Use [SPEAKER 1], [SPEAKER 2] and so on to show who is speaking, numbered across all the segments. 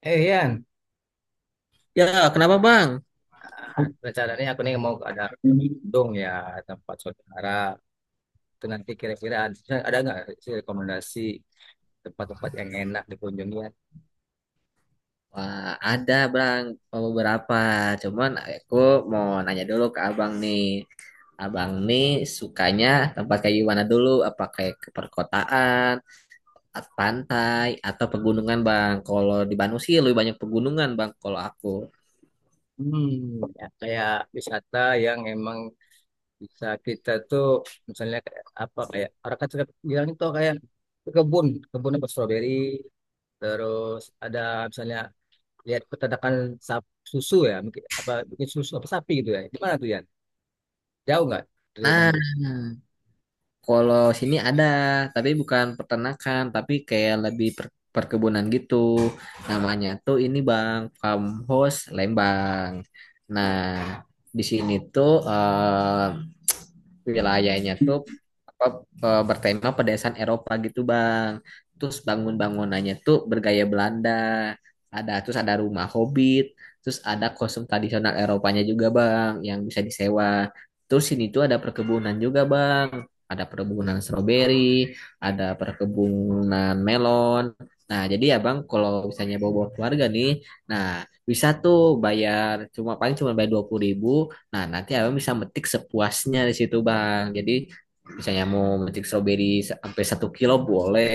[SPEAKER 1] Eh Ian,
[SPEAKER 2] Ya, kenapa Bang?
[SPEAKER 1] rencananya aku nih mau ada dong ya tempat saudara. Itu nanti kira-kira ada nggak sih rekomendasi tempat-tempat yang enak dikunjungi ya?
[SPEAKER 2] Wah, ada Bang beberapa. Cuman aku mau nanya dulu ke Abang nih. Abang nih sukanya tempat kayak gimana dulu? Apa kayak ke perkotaan, pantai, atau pegunungan Bang? Kalau di Bandung sih lebih banyak pegunungan Bang kalau aku.
[SPEAKER 1] Hmm, Ya, kayak wisata yang emang bisa kita tuh misalnya kayak apa kayak orang kan suka bilang itu kayak ke kebun apa stroberi, terus ada misalnya lihat peternakan susu ya, mungkin apa bikin susu apa sapi gitu ya. Di mana tuh Ian? Jauh nggak dari
[SPEAKER 2] Nah,
[SPEAKER 1] Bandung?
[SPEAKER 2] kalau sini ada, tapi bukan peternakan, tapi kayak lebih perkebunan gitu. Namanya tuh ini Bang, Farmhouse Lembang. Nah, di sini tuh wilayahnya tuh apa, bertema pedesaan Eropa gitu Bang. Terus bangun-bangunannya tuh bergaya Belanda. Terus ada rumah hobbit, terus ada kostum tradisional Eropanya juga Bang yang bisa disewa. Terus sini tuh ada perkebunan juga Bang. Ada perkebunan stroberi, ada perkebunan melon. Nah, jadi ya Bang, kalau misalnya bawa-bawa keluarga nih, nah bisa tuh bayar cuma paling cuma bayar 20 ribu. Nah, nanti abang bisa metik sepuasnya di situ, Bang. Jadi, misalnya mau metik stroberi sampai 1 kilo boleh,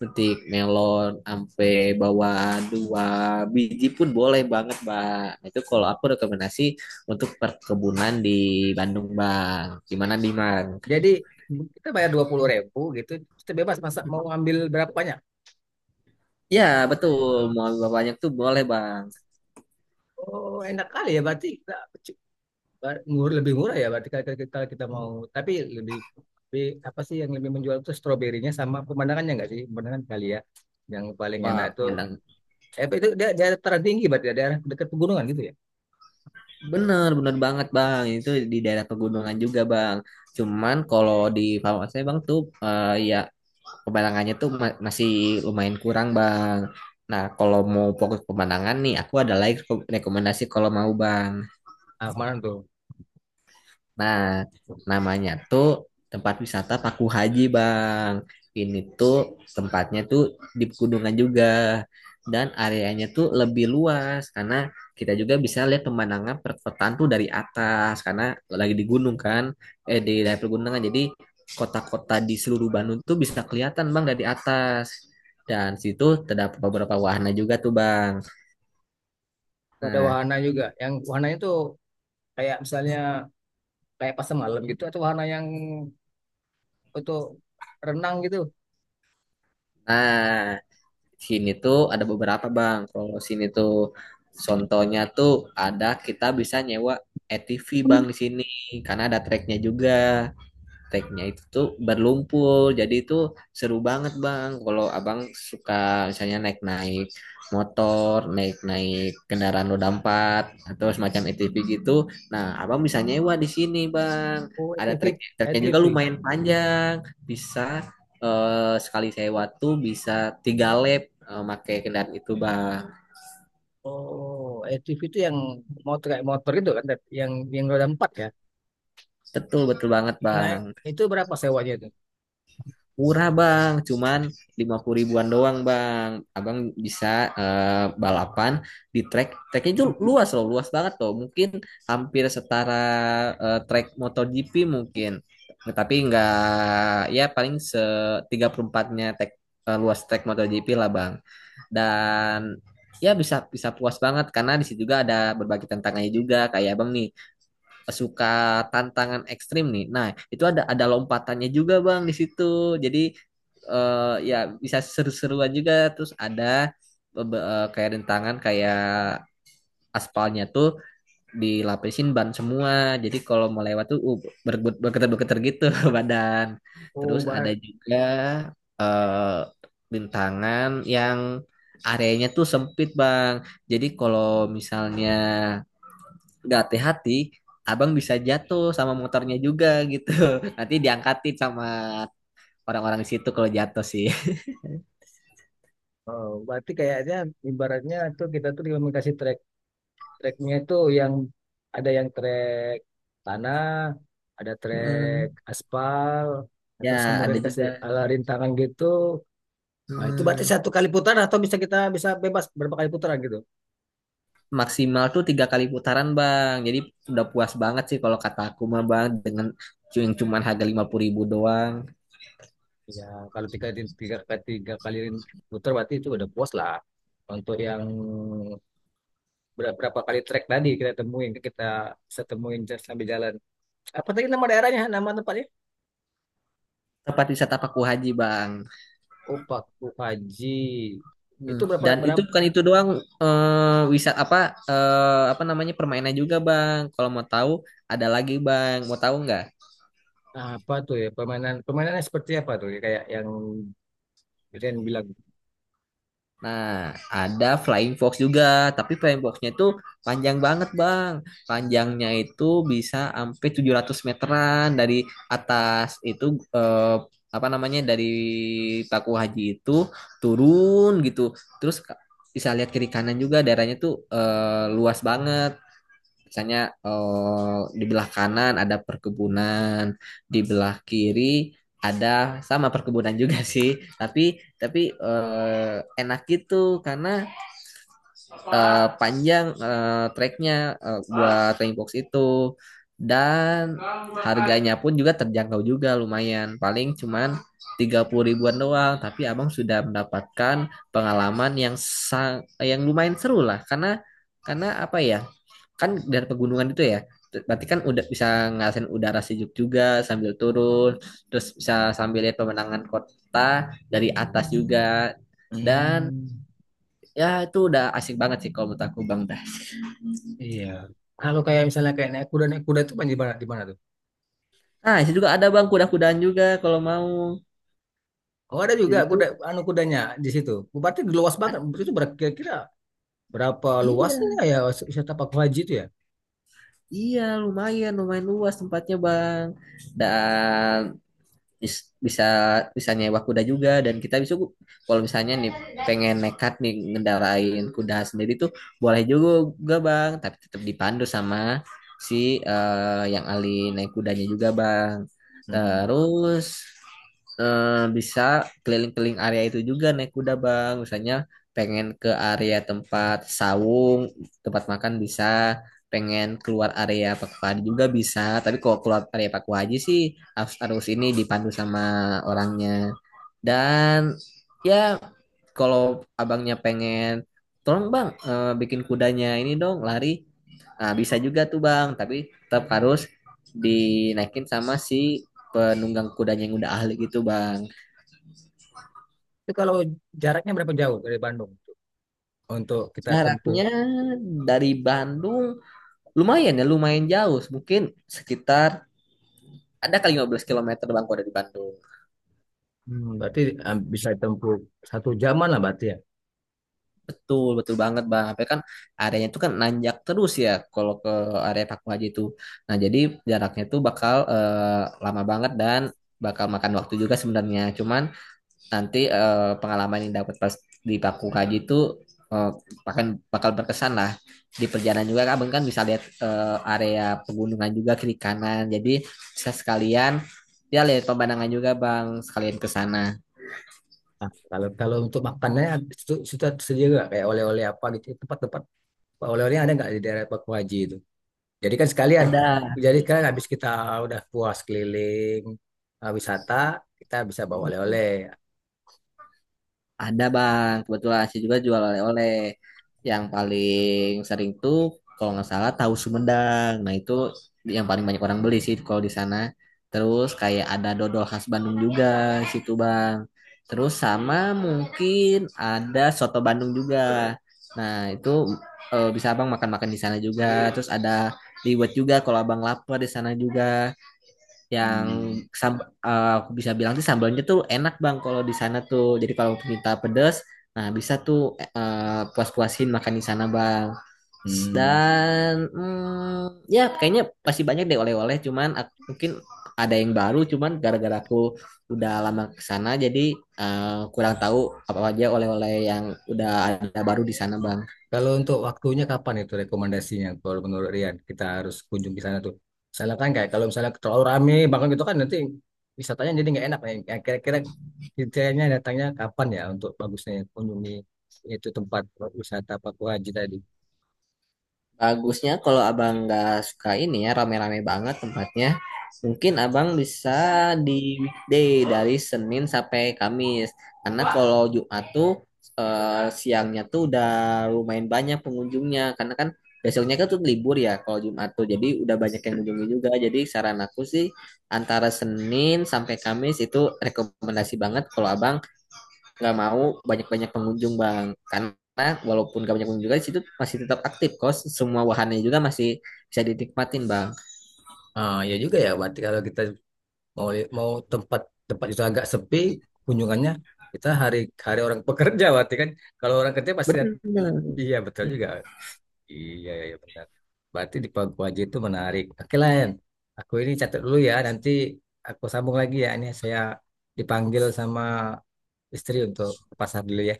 [SPEAKER 2] metik melon sampai bawa 2 biji pun boleh banget, Bang. Nah, itu kalau aku rekomendasi untuk perkebunan di Bandung, Bang. Gimana nih, Bang?
[SPEAKER 1] Jadi kita bayar dua puluh ribu gitu, kita bebas masa mau ambil berapa banyak.
[SPEAKER 2] Ya, betul. Mau lebih banyak tuh boleh, Bang.
[SPEAKER 1] Oh enak kali ya berarti kita ngur lebih murah ya berarti kalau kita mau. Tapi lebih, lebih apa sih yang lebih menjual itu stroberinya sama pemandangannya nggak sih? Pemandangan kali ya yang paling enak
[SPEAKER 2] Wah,
[SPEAKER 1] itu.
[SPEAKER 2] bener,
[SPEAKER 1] Eh itu dia daerah tertinggi berarti ya, daerah dekat pegunungan gitu ya.
[SPEAKER 2] bener, bener banget, Bang. Itu di daerah pegunungan juga, Bang. Cuman kalau di farmasi Bang tuh ya pemandangannya tuh masih lumayan kurang bang. Nah, kalau mau fokus pemandangan nih, aku ada lagi rekomendasi kalau mau bang.
[SPEAKER 1] Ah kemarin tuh
[SPEAKER 2] Nah, namanya tuh tempat wisata Paku Haji, Bang. Ini tuh tempatnya tuh di pegunungan juga. Dan areanya tuh lebih luas karena kita juga bisa lihat pemandangan perkotaan tuh dari atas karena lagi di gunung kan, di daerah pegunungan. Jadi kota-kota di seluruh Bandung tuh bisa kelihatan, Bang, dari atas. Dan situ terdapat beberapa wahana juga tuh, Bang.
[SPEAKER 1] ada
[SPEAKER 2] Nah,
[SPEAKER 1] wahana juga. Yang wahananya tuh kayak misalnya kayak pasar malam gitu atau wahana yang untuk renang gitu.
[SPEAKER 2] nah, sini tuh ada beberapa bang. Kalau sini tuh contohnya tuh ada kita bisa nyewa ATV bang di sini karena ada treknya juga, tagnya itu tuh berlumpur jadi itu seru banget bang kalau abang suka misalnya naik naik motor, naik naik kendaraan roda empat atau semacam ATV gitu. Nah, abang bisa nyewa di sini bang,
[SPEAKER 1] Oh, A
[SPEAKER 2] ada
[SPEAKER 1] T
[SPEAKER 2] trek
[SPEAKER 1] V A
[SPEAKER 2] treknya
[SPEAKER 1] T
[SPEAKER 2] juga
[SPEAKER 1] V.
[SPEAKER 2] lumayan panjang. Bisa sekali sewa tuh bisa 3 lap pakai kendaraan itu bang.
[SPEAKER 1] Oh, ATV itu yang motor kayak motor itu kan, Ted? Yang roda empat ya.
[SPEAKER 2] Betul betul banget
[SPEAKER 1] Nah,
[SPEAKER 2] bang.
[SPEAKER 1] itu berapa sewanya itu?
[SPEAKER 2] Murah bang, cuman 50 ribuan doang bang. Abang bisa balapan di track. Tracknya itu luas loh, luas banget loh. Mungkin hampir setara track MotoGP mungkin. Nah, tapi nggak, ya paling 34-nya track, luas track MotoGP lah bang. Dan ya bisa bisa puas banget karena di situ juga ada berbagai tantangannya juga, kayak abang nih suka tantangan ekstrim nih. Nah, itu ada lompatannya juga bang di situ. Jadi ya bisa seru-seruan juga. Terus ada kayak rintangan, kayak aspalnya tuh dilapisin ban semua. Jadi kalau mau lewat tuh bergetar-bergetar gitu badan. Terus
[SPEAKER 1] Oh,
[SPEAKER 2] ada
[SPEAKER 1] bar,
[SPEAKER 2] juga eh, rintangan yang areanya tuh sempit bang. Jadi kalau misalnya nggak hati-hati abang bisa jatuh sama motornya juga gitu nanti diangkatin sama orang-orang di situ kalau jatuh sih.
[SPEAKER 1] oh, berarti kayaknya ibaratnya tuh kita tuh cuma kasih trek itu yang ada yang trek tanah, ada trek
[SPEAKER 2] Hmm,
[SPEAKER 1] aspal, nah,
[SPEAKER 2] ya
[SPEAKER 1] terus
[SPEAKER 2] ada
[SPEAKER 1] kemudian dikasih
[SPEAKER 2] juga.
[SPEAKER 1] ala rintangan gitu. Nah, itu berarti
[SPEAKER 2] Hmm,
[SPEAKER 1] satu kali putaran atau bisa kita bisa bebas berapa kali putaran gitu?
[SPEAKER 2] maksimal tuh 3 kali putaran bang, jadi udah puas banget sih kalau kata aku mah bang, dengan yang cuman harga 50 ribu doang.
[SPEAKER 1] Ya, kalau tiga, tiga, tiga kali putar berarti itu udah puas lah. Untuk yang berapa kali trek tadi kita temuin, kita bisa temuin sambil jalan. Apa tadi nama daerahnya, nama tempatnya?
[SPEAKER 2] Tempat wisata Paku Haji bang.
[SPEAKER 1] Opak Haji. Itu berapa,
[SPEAKER 2] Dan itu
[SPEAKER 1] berapa,
[SPEAKER 2] bukan itu doang. Wisata apa, apa namanya permainan juga bang, kalau mau tahu, ada lagi bang, mau tahu nggak?
[SPEAKER 1] apa tuh ya, permainannya seperti apa tuh ya, kayak yang Rian bilang.
[SPEAKER 2] Nah, ada flying fox juga, tapi flying foxnya itu panjang banget, Bang. Panjangnya itu bisa sampai 700 meteran dari atas itu, eh, apa namanya, dari Paku Haji itu turun gitu. Terus bisa lihat kiri kanan juga, daerahnya tuh luas banget. Misalnya di belah kanan ada perkebunan, di belah kiri ada sama perkebunan juga sih, tapi enak gitu karena panjang treknya, buat training box itu. Dan harganya pun juga terjangkau juga, lumayan, paling cuman 30 ribuan doang, tapi abang sudah mendapatkan pengalaman yang lumayan seru lah, karena apa ya, kan dari pegunungan itu ya, berarti kan udah bisa ngerasain udara sejuk juga sambil turun, terus bisa sambil lihat pemandangan kota dari atas juga. Dan
[SPEAKER 1] Hmm,
[SPEAKER 2] ya itu udah asik banget sih kalau menurut aku Bang Dah.
[SPEAKER 1] iya. Kalau kayak misalnya kayak naik kuda itu di mana tuh?
[SPEAKER 2] Nah, itu juga ada Bang kuda-kudaan juga kalau mau.
[SPEAKER 1] Oh ada juga
[SPEAKER 2] Jadi tuh
[SPEAKER 1] kuda, anu kudanya di situ. Berarti luas banget,
[SPEAKER 2] ad-
[SPEAKER 1] itu berkira-kira berapa
[SPEAKER 2] iya,
[SPEAKER 1] luasnya ya wisata Pak Haji itu ya?
[SPEAKER 2] iya lumayan lumayan luas tempatnya Bang. Dan bis- bisa bisa nyewa kuda juga, dan kita bisa kalau misalnya nih pengen nekat nih ngendarain kuda sendiri tuh boleh juga bang, tapi tetap dipandu sama si yang ahli naik kudanya juga bang.
[SPEAKER 1] Hmm.
[SPEAKER 2] Terus bisa keliling-keliling area itu juga naik kuda bang. Misalnya pengen ke area tempat sawung, tempat makan bisa, pengen keluar area Pak Wadi juga bisa, tapi kalau keluar area Pak Haji sih arus arus ini dipandu sama orangnya. Dan ya kalau abangnya pengen, tolong bang bikin kudanya ini dong lari, nah, bisa juga tuh bang, tapi tetap harus dinaikin sama si penunggang kudanya yang udah ahli gitu bang.
[SPEAKER 1] Itu kalau jaraknya berapa jauh dari Bandung tuh untuk kita tempuh?
[SPEAKER 2] Jaraknya dari Bandung lumayan, ya lumayan jauh, mungkin sekitar ada kali 15 km bang kalau dari Bandung.
[SPEAKER 1] Hmm, berarti bisa tempuh satu jaman lah berarti ya.
[SPEAKER 2] Betul, betul banget Bang. Tapi kan areanya itu kan nanjak terus ya kalau ke area Paku Haji itu. Nah, jadi jaraknya tuh bakal lama banget dan bakal makan waktu juga sebenarnya. Cuman nanti pengalaman yang dapat pas di Paku Haji itu eh, akan bakal berkesan lah. Di perjalanan juga Abang kan bisa lihat area pegunungan juga kiri kanan. Jadi bisa sekalian ya lihat pemandangan juga Bang, sekalian ke sana.
[SPEAKER 1] Nah, kalau kalau untuk makannya itu sudah tersedia nggak kayak oleh-oleh apa gitu tempat-tempat oleh-olehnya ada nggak di daerah Pak Haji itu? Jadi kan sekalian,
[SPEAKER 2] Ada.
[SPEAKER 1] jadi kan habis kita udah puas keliling wisata, kita bisa bawa oleh-oleh.
[SPEAKER 2] Ada bang, kebetulan saya juga jual oleh-oleh. Yang paling sering tuh kalau nggak salah tahu Sumedang. Nah itu yang paling banyak orang beli sih kalau di sana. Terus kayak ada dodol khas Bandung juga di situ bang. Terus sama mungkin ada soto Bandung juga. Nah itu bisa abang makan-makan di sana juga. Terus ada liwet juga kalau abang lapar di sana juga, yang
[SPEAKER 1] Hmm.
[SPEAKER 2] aku bisa bilang sih sambalnya tuh enak bang kalau di sana tuh, jadi kalau minta pedas nah bisa tuh puas-puasin makan di sana bang.
[SPEAKER 1] Hmm.
[SPEAKER 2] Dan hmm, ya kayaknya masih banyak deh oleh-oleh, cuman mungkin ada yang baru, cuman gara-gara aku udah lama ke sana jadi kurang tahu apa aja oleh-oleh yang udah ada baru di sana bang.
[SPEAKER 1] Kalau untuk waktunya kapan itu rekomendasinya? Kalau menurut Rian, kita harus kunjung ke sana tuh. Misalnya kan kayak kalau misalnya terlalu rame, bahkan gitu kan nanti wisatanya jadi nggak enak. Ya. Kira-kira kitanya datangnya kapan ya untuk bagusnya kunjungi itu tempat wisata Papua Haji tadi?
[SPEAKER 2] Bagusnya kalau abang nggak suka ini ya rame-rame banget tempatnya, mungkin abang bisa di weekday dari Senin sampai Kamis. Karena kalau Jumat tuh siangnya tuh udah lumayan banyak pengunjungnya. Karena kan besoknya kan tuh libur ya kalau Jumat tuh. Jadi udah banyak yang mengunjungi juga. Jadi saran aku sih antara Senin sampai Kamis itu rekomendasi banget kalau abang nggak mau banyak-banyak pengunjung bang, karena walaupun gak banyak pengunjung juga di situ masih tetap aktif kos, semua wahannya juga masih bisa dinikmatin bang.
[SPEAKER 1] Ah, ya juga ya. Berarti kalau kita mau mau tempat tempat itu agak sepi kunjungannya, kita hari hari orang pekerja berarti kan. Kalau orang kerja pasti
[SPEAKER 2] Benar.
[SPEAKER 1] iya betul juga. Iya, iya iya, benar. Berarti di pagu Paguaji itu menarik. Oke lah, Yan. Aku ini catat dulu ya. Nanti aku sambung lagi ya. Ini saya dipanggil sama istri untuk ke pasar dulu ya.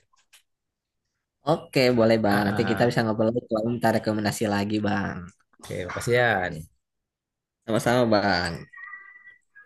[SPEAKER 2] Oke boleh
[SPEAKER 1] Ah,
[SPEAKER 2] bang, nanti kita
[SPEAKER 1] ah.
[SPEAKER 2] bisa ngobrol lagi kalau minta rekomendasi lagi bang.
[SPEAKER 1] Oke, makasih, Yan.
[SPEAKER 2] Sama-sama bang.